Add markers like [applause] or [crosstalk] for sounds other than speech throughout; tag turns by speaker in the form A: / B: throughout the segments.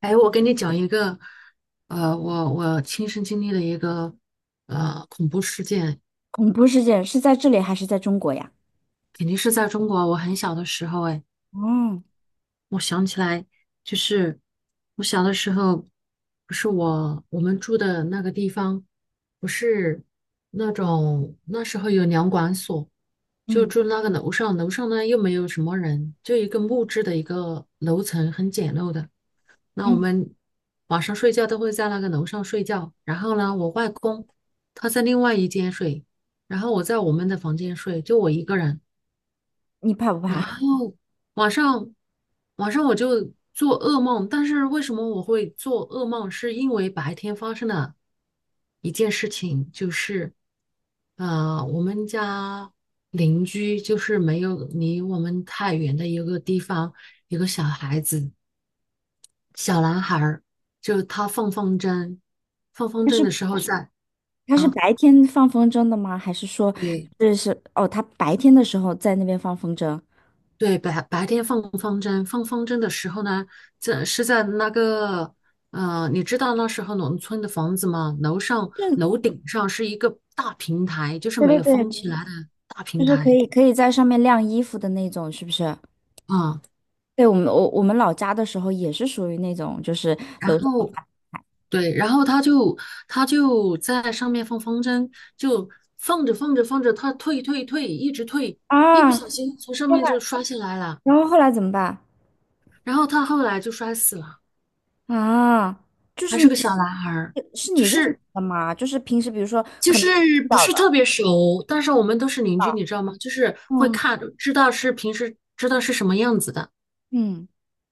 A: 哎，我跟你讲一个，我我亲身经历的一个恐怖事件，
B: 恐怖事件是在这里还是在中国呀？
A: 肯定是在中国。我很小的时候，哎，
B: 哦，
A: 我想起来，就是我小的时候，不是我们住的那个地方，不是那种那时候有粮管所，就
B: 嗯
A: 住那个楼上，楼上呢又没有什么人，就一个木质的一个楼层，很简陋的。那我
B: 嗯，
A: 们晚上睡觉都会在那个楼上睡觉，然后呢，我外公他在另外一间睡，然后我在我们的房间睡，就我一个人。
B: 你怕不
A: 然
B: 怕？[laughs]
A: 后晚上晚上我就做噩梦，但是为什么我会做噩梦？是因为白天发生了一件事情，就是我们家邻居就是没有离我们太远的一个地方，有个小孩子。小男孩儿，就是他放风筝，放风
B: 他
A: 筝
B: 是
A: 的时候在啊，
B: 白天放风筝的吗？还是说
A: 对
B: 这是哦，他白天的时候在那边放风筝？
A: 对，白天放风筝，放风筝的时候呢，这是在那个你知道那时候农村的房子吗？楼
B: 这
A: 顶上是一个大平台，就是
B: 对
A: 没有
B: 对
A: 封起
B: 对，
A: 来的大
B: 就
A: 平
B: 是可
A: 台
B: 以可以在上面晾衣服的那种，是不是？
A: 啊，
B: 对，我们老家的时候也是属于那种，就是
A: 然
B: 楼上有
A: 后对，然后他就在上面放风筝，就放着放着放着，他退退退，一直退。一不
B: 啊，
A: 小心从上
B: 天
A: 面
B: 呐，
A: 就摔下来了，
B: 然后后来怎么办
A: 然后他后来就摔死了，
B: 啊？就
A: 还
B: 是
A: 是
B: 你
A: 个小男孩儿，就
B: 认识
A: 是
B: 的吗？就是平时比如说
A: 就
B: 可
A: 是
B: 能会碰
A: 不
B: 到
A: 是特
B: 的，
A: 别熟，但是我们都是邻居，
B: 啊
A: 你知道吗？就是会
B: 嗯
A: 看，知道是平时知道是什么样子的。
B: 嗯。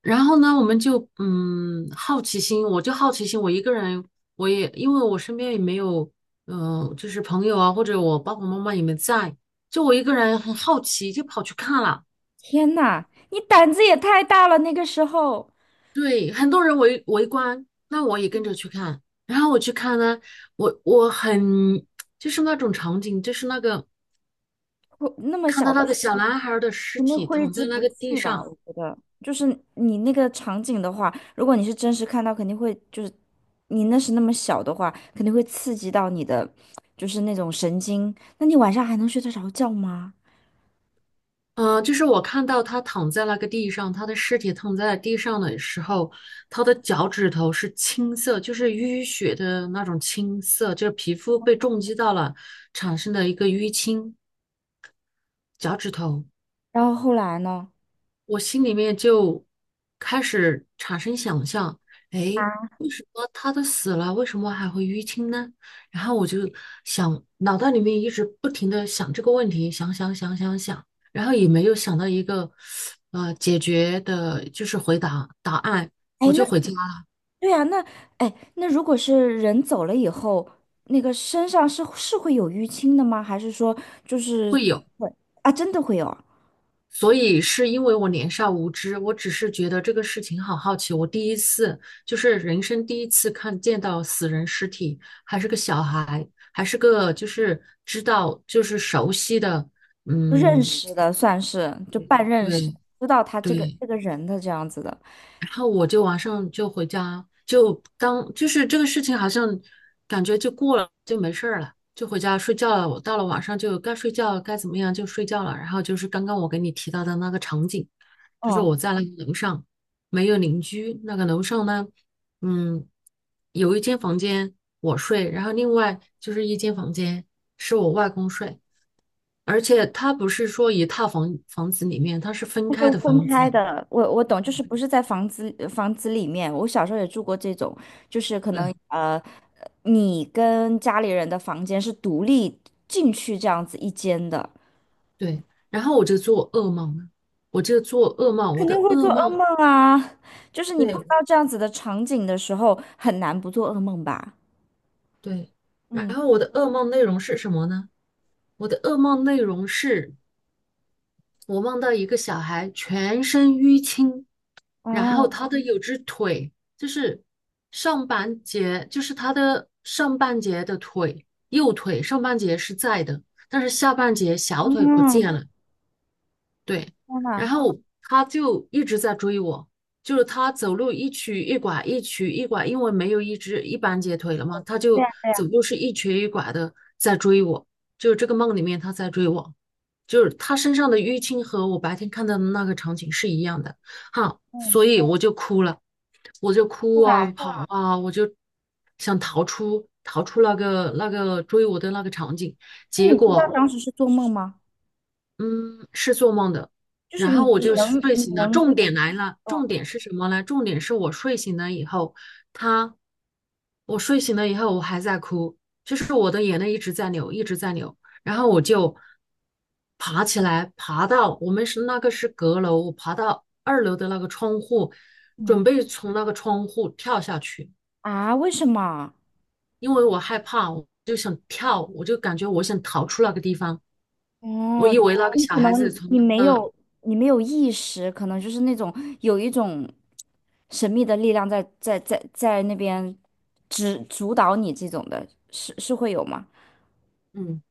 A: 然后呢，我们就嗯好奇心，我就好奇心，我一个人，我也因为我身边也没有，嗯、就是朋友啊，或者我爸爸妈妈也没在，就我一个人很好奇，就跑去看了。
B: 天呐，你胆子也太大了！那个时候，
A: 对，很多人围观，那我也跟
B: 嗯，
A: 着去看。然后我去看呢，我我很就是那种场景，就是那个
B: 那么
A: 看
B: 小
A: 到那
B: 的时
A: 个小
B: 候
A: 男孩儿的尸
B: 肯定
A: 体
B: 挥
A: 躺
B: 之
A: 在那
B: 不
A: 个地
B: 去吧？
A: 上，
B: 我觉得，就是你那个场景的话，如果你是真实看到，肯定会就是你那时那么小的话，肯定会刺激到你的，就是那种神经。那你晚上还能睡得着觉吗？
A: 就是我看到他躺在那个地上，他的尸体躺在地上的时候，他的脚趾头是青色，就是淤血的那种青色，就是皮肤被重击到了产生的一个淤青，脚趾头。
B: 然后后来呢？
A: 我心里面就开始产生想象，哎，
B: 啊，
A: 为什么他都死了，为什么还会淤青呢？然后我就想，脑袋里面一直不停的想这个问题，想想想想想，然后也没有想到一个解决的，就是回答答案，
B: 哎，
A: 我
B: 那
A: 就回家
B: 对啊，那哎，那如果是人走了以后，那个身上是会有淤青的吗？还是说就是会啊，真的会有啊
A: 所以是因为我年少无知，我只是觉得这个事情好好奇。我第一次就是人生第一次看见到死人尸体，还是个小孩，还是个就是知道就是熟悉的，
B: 认
A: 嗯，
B: 识的，算是就半认识，
A: 对，
B: 知道他这个
A: 对，
B: 这个人的这样子的。
A: 然后我就晚上就回家，就当就是这个事情好像感觉就过了，就没事儿了，就回家睡觉了。我到了晚上就该睡觉，该怎么样就睡觉了。然后就是刚刚我给你提到的那个场景，就是
B: 嗯
A: 我在那个楼上没有邻居，那个楼上呢，嗯，有一间房间我睡，然后另外就是一间房间是我外公睡，而且他不是说一套房房子里面，他是分
B: 但
A: 开的
B: 是分
A: 房
B: 开
A: 子。
B: 的，我懂，就
A: 对。
B: 是不是在房子里面。我小时候也住过这种，就是可能
A: 对，
B: 你跟家里人的房间是独立进去这样子一间的，
A: 对，然后我就做噩梦了，我就做噩梦，我
B: 肯定
A: 的
B: 会做
A: 噩
B: 噩梦
A: 梦，
B: 啊。就是你碰
A: 对
B: 到这样子的场景的时候，很难不做噩梦吧？
A: 对，然
B: 嗯
A: 后我的噩梦内容是什么呢？我的噩梦内容是我梦到一个小孩全身淤青，然后
B: 啊，
A: 有只腿就是上半截，就是他的上半截的腿，右腿上半截是在的，但是下半截小腿不
B: 嗯，
A: 见了，对，
B: 天呐，
A: 然后他就一直在追我，就是他走路一瘸一拐，一瘸一拐，因为没有一只一般截腿了嘛，他
B: 对
A: 就
B: 呀对呀，
A: 走路是一瘸一拐的在追我，就是这个梦里面他在追我，就是他身上的淤青和我白天看到的那个场景是一样的，哈，
B: 嗯。
A: 所以我就哭了，我就
B: 后
A: 哭啊
B: 来，
A: 跑啊，我就想逃出那个那个追我的那个场景，
B: 那
A: 结
B: 你知道当
A: 果。
B: 时是做梦吗？
A: 嗯，是做梦的。
B: 就是
A: 然
B: 你
A: 后我
B: 你
A: 就就
B: 能
A: 睡
B: 你
A: 醒了。
B: 能就
A: 重点来了，
B: 哦
A: 重点是什么呢？重点是我睡醒了以后，他，我睡醒了以后，我还在哭，就是我的眼泪一直在流，一直在流。然后我就爬起来，爬到我们是那个是阁楼，我爬到二楼的那个窗户，
B: 嗯，
A: 准备从那个窗户跳下去，
B: 啊？为什么？
A: 因为我害怕，我就想跳，我就感觉我想逃出那个地方。我
B: 哦，
A: 以为那哦个
B: 你
A: 小
B: 可
A: 孩子
B: 能
A: 从
B: 你没
A: 那个
B: 有你没有意识，可能就是那种有一种神秘的力量在在那边指主导你这种的，是是会有吗？
A: 嗯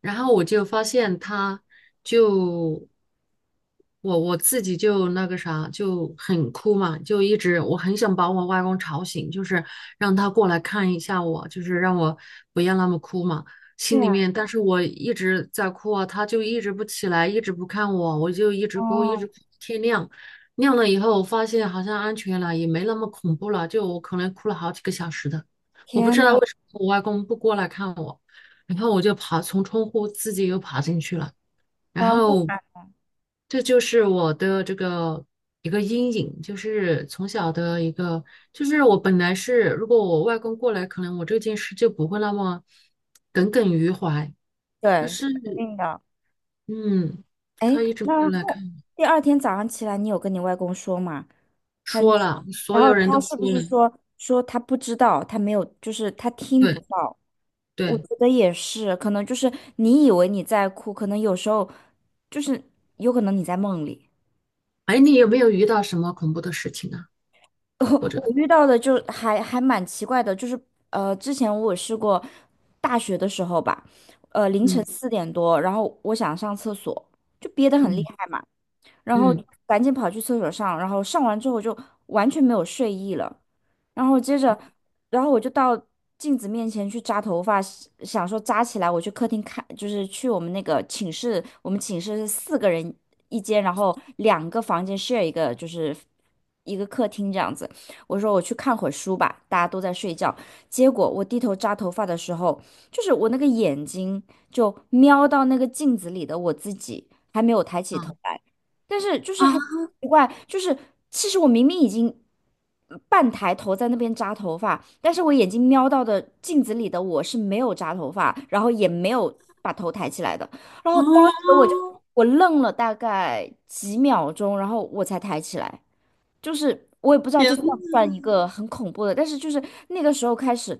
A: 然后我就发现他就我自己就那个啥就很哭嘛，就一直我很想把我外公吵醒，就是让他过来看一下我，就是让我不要那么哭嘛。
B: 对
A: 心里
B: 呀，
A: 面，但是我一直在哭啊，他就一直不起来，一直不看我，我就一直哭，一
B: 哦，
A: 直哭天亮。亮了以后，我发现好像安全了，也没那么恐怖了，就我可能哭了好几个小时的。我不
B: 天
A: 知道
B: 呐，
A: 为什么我外公不过来看我。然后我就爬从窗户自己又爬进去了，然
B: 然后
A: 后这就是我的这个一个阴影，就是从小的一个，就是我本来是如果我外公过来，可能我这件事就不会那么耿耿于怀，但
B: 对，
A: 是
B: 肯定的。
A: 嗯，
B: 哎，
A: 他一直没
B: 那
A: 有来
B: 后
A: 看，
B: 第二天早上起来，你有跟你外公说吗？还是，
A: 说了，所
B: 然后
A: 有人都
B: 他是不
A: 说了，
B: 是说他不知道，他没有，就是他听不
A: 对，
B: 到？我
A: 对，
B: 觉得也是，可能就是你以为你在哭，可能有时候就是有可能你在梦里。
A: 哎，你有没有遇到什么恐怖的事情啊？
B: [laughs]
A: 或
B: 我
A: 者
B: 我遇到的就还蛮奇怪的，就是之前我试过大学的时候吧，凌晨
A: 嗯
B: 四点多，然后我想上厕所，就憋得很厉
A: 嗯
B: 害嘛，然后
A: 嗯
B: 赶紧跑去厕所上，然后上完之后就完全没有睡意了。然后接着，然后我就到镜子面前去扎头发，想说扎起来，我去客厅看，就是去我们那个寝室，我们寝室是四个人一间，然后两个房间 share 一个，就是一个客厅这样子。我说我去看会儿书吧，大家都在睡觉。结果我低头扎头发的时候，就是我那个眼睛就瞄到那个镜子里的我自己，还没有抬起头来。但是就是很奇怪，就是其实我明明已经半抬头在那边扎头发，但是我眼睛瞄到的镜子里的我是没有扎头发，然后也没有把头抬起来的。然后
A: 哦，
B: 当时我愣了大概几秒钟，然后我才抬起来。就是我也不知道这
A: 天，
B: 算不算一个很恐怖的，但是就是那个时候开始。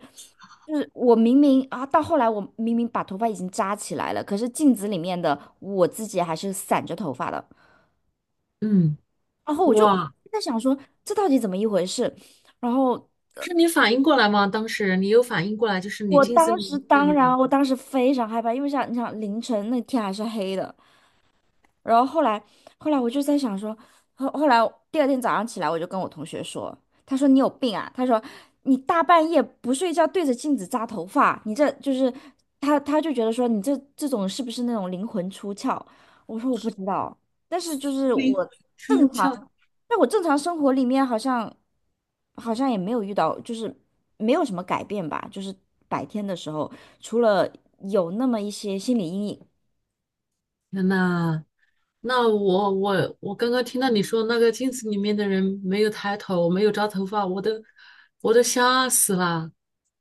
B: 就是我明明啊，到后来我明明把头发已经扎起来了，可是镜子里面的我自己还是散着头发的。
A: 嗯，
B: 然后我就
A: 哇。
B: 在想说，这到底怎么一回事？然后
A: 不是你反应过来吗？当时你有反应过来，就是你
B: 我
A: 进森
B: 当时
A: 林这
B: 当然，
A: 里
B: 我当时非常害怕，因为想你想凌晨那天还是黑的，然后后来，后来我就在想说，后来第二天早上起来，我就跟我同学说，他说你有病啊，他说你大半夜不睡觉对着镜子扎头发，你这就是他就觉得说你这种是不是那种灵魂出窍？我说我不知道，但是就是
A: 灵魂
B: 我
A: 出
B: 正常，
A: 窍。
B: 在我正常生活里面好像也没有遇到，就是没有什么改变吧，就是白天的时候除了有那么一些心理阴影，
A: 天呐，那我刚刚听到你说那个镜子里面的人没有抬头，没有扎头发，我都吓死了。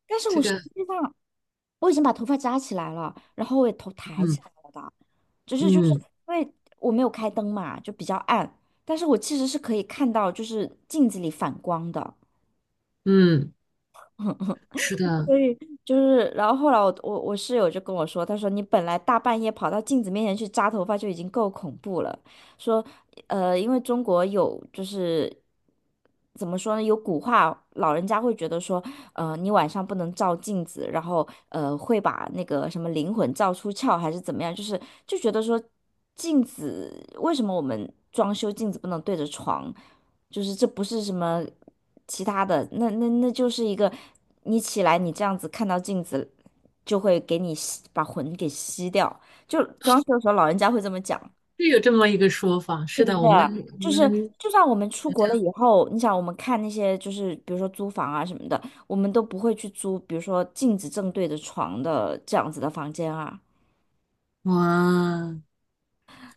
B: 但是
A: 这
B: 我实
A: 个，
B: 际上。我已经把头发扎起来了，然后我也头抬
A: 嗯，
B: 起来了的，只是就是
A: 嗯
B: 因为我没有开灯嘛，就比较暗，但是我其实是可以看到就是镜子里反光的。
A: 嗯，是
B: [laughs]
A: 的，
B: 所以就是，然后后来我我室友就跟我说，他说你本来大半夜跑到镜子面前去扎头发就已经够恐怖了，说，因为中国有就是怎么说呢，有古话，老人家会觉得说，你晚上不能照镜子，然后会把那个什么灵魂照出窍还是怎么样，就是就觉得说镜子为什么我们装修镜子不能对着床？就是这不是什么其他的，那那就是一个你起来你这样子看到镜子，就会给你吸把魂给吸掉。就装修的时候老人家会这么讲，
A: 是有这么一个说法。是的，我
B: 就是
A: 们
B: 就算我们出国了以后，你想我们看那些就是比如说租房啊什么的，我们都不会去租，比如说镜子正对着床的这样子的房间啊。
A: 哇，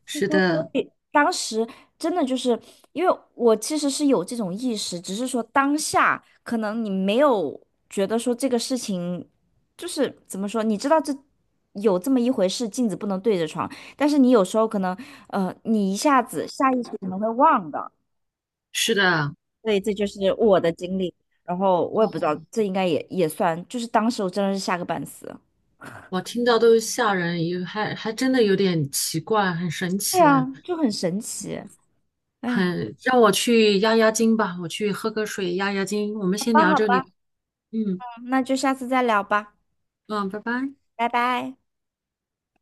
A: 是
B: 说：“所
A: 的，
B: 以当时真的就是因为我其实是有这种意识，只是说当下可能你没有觉得说这个事情就是怎么说，你知道这有这么一回事，镜子不能对着床，但是你有时候可能你一下子下意识可能会忘的，
A: 是的，
B: 所以这就是我的经历。然后我也不知道，这应该也算，就是当时我真的是吓个半死。
A: 我听到都吓人，有还真的有点奇怪，很神
B: 对
A: 奇
B: 啊，
A: 啊。
B: 就很神奇。哎，
A: 很让我去压压惊吧，我去喝个水压压惊。我们
B: 好
A: 先
B: 吧，
A: 聊
B: 好
A: 这
B: 吧，
A: 里，嗯，
B: 那就下次再聊吧，
A: 嗯，拜拜。
B: 拜拜。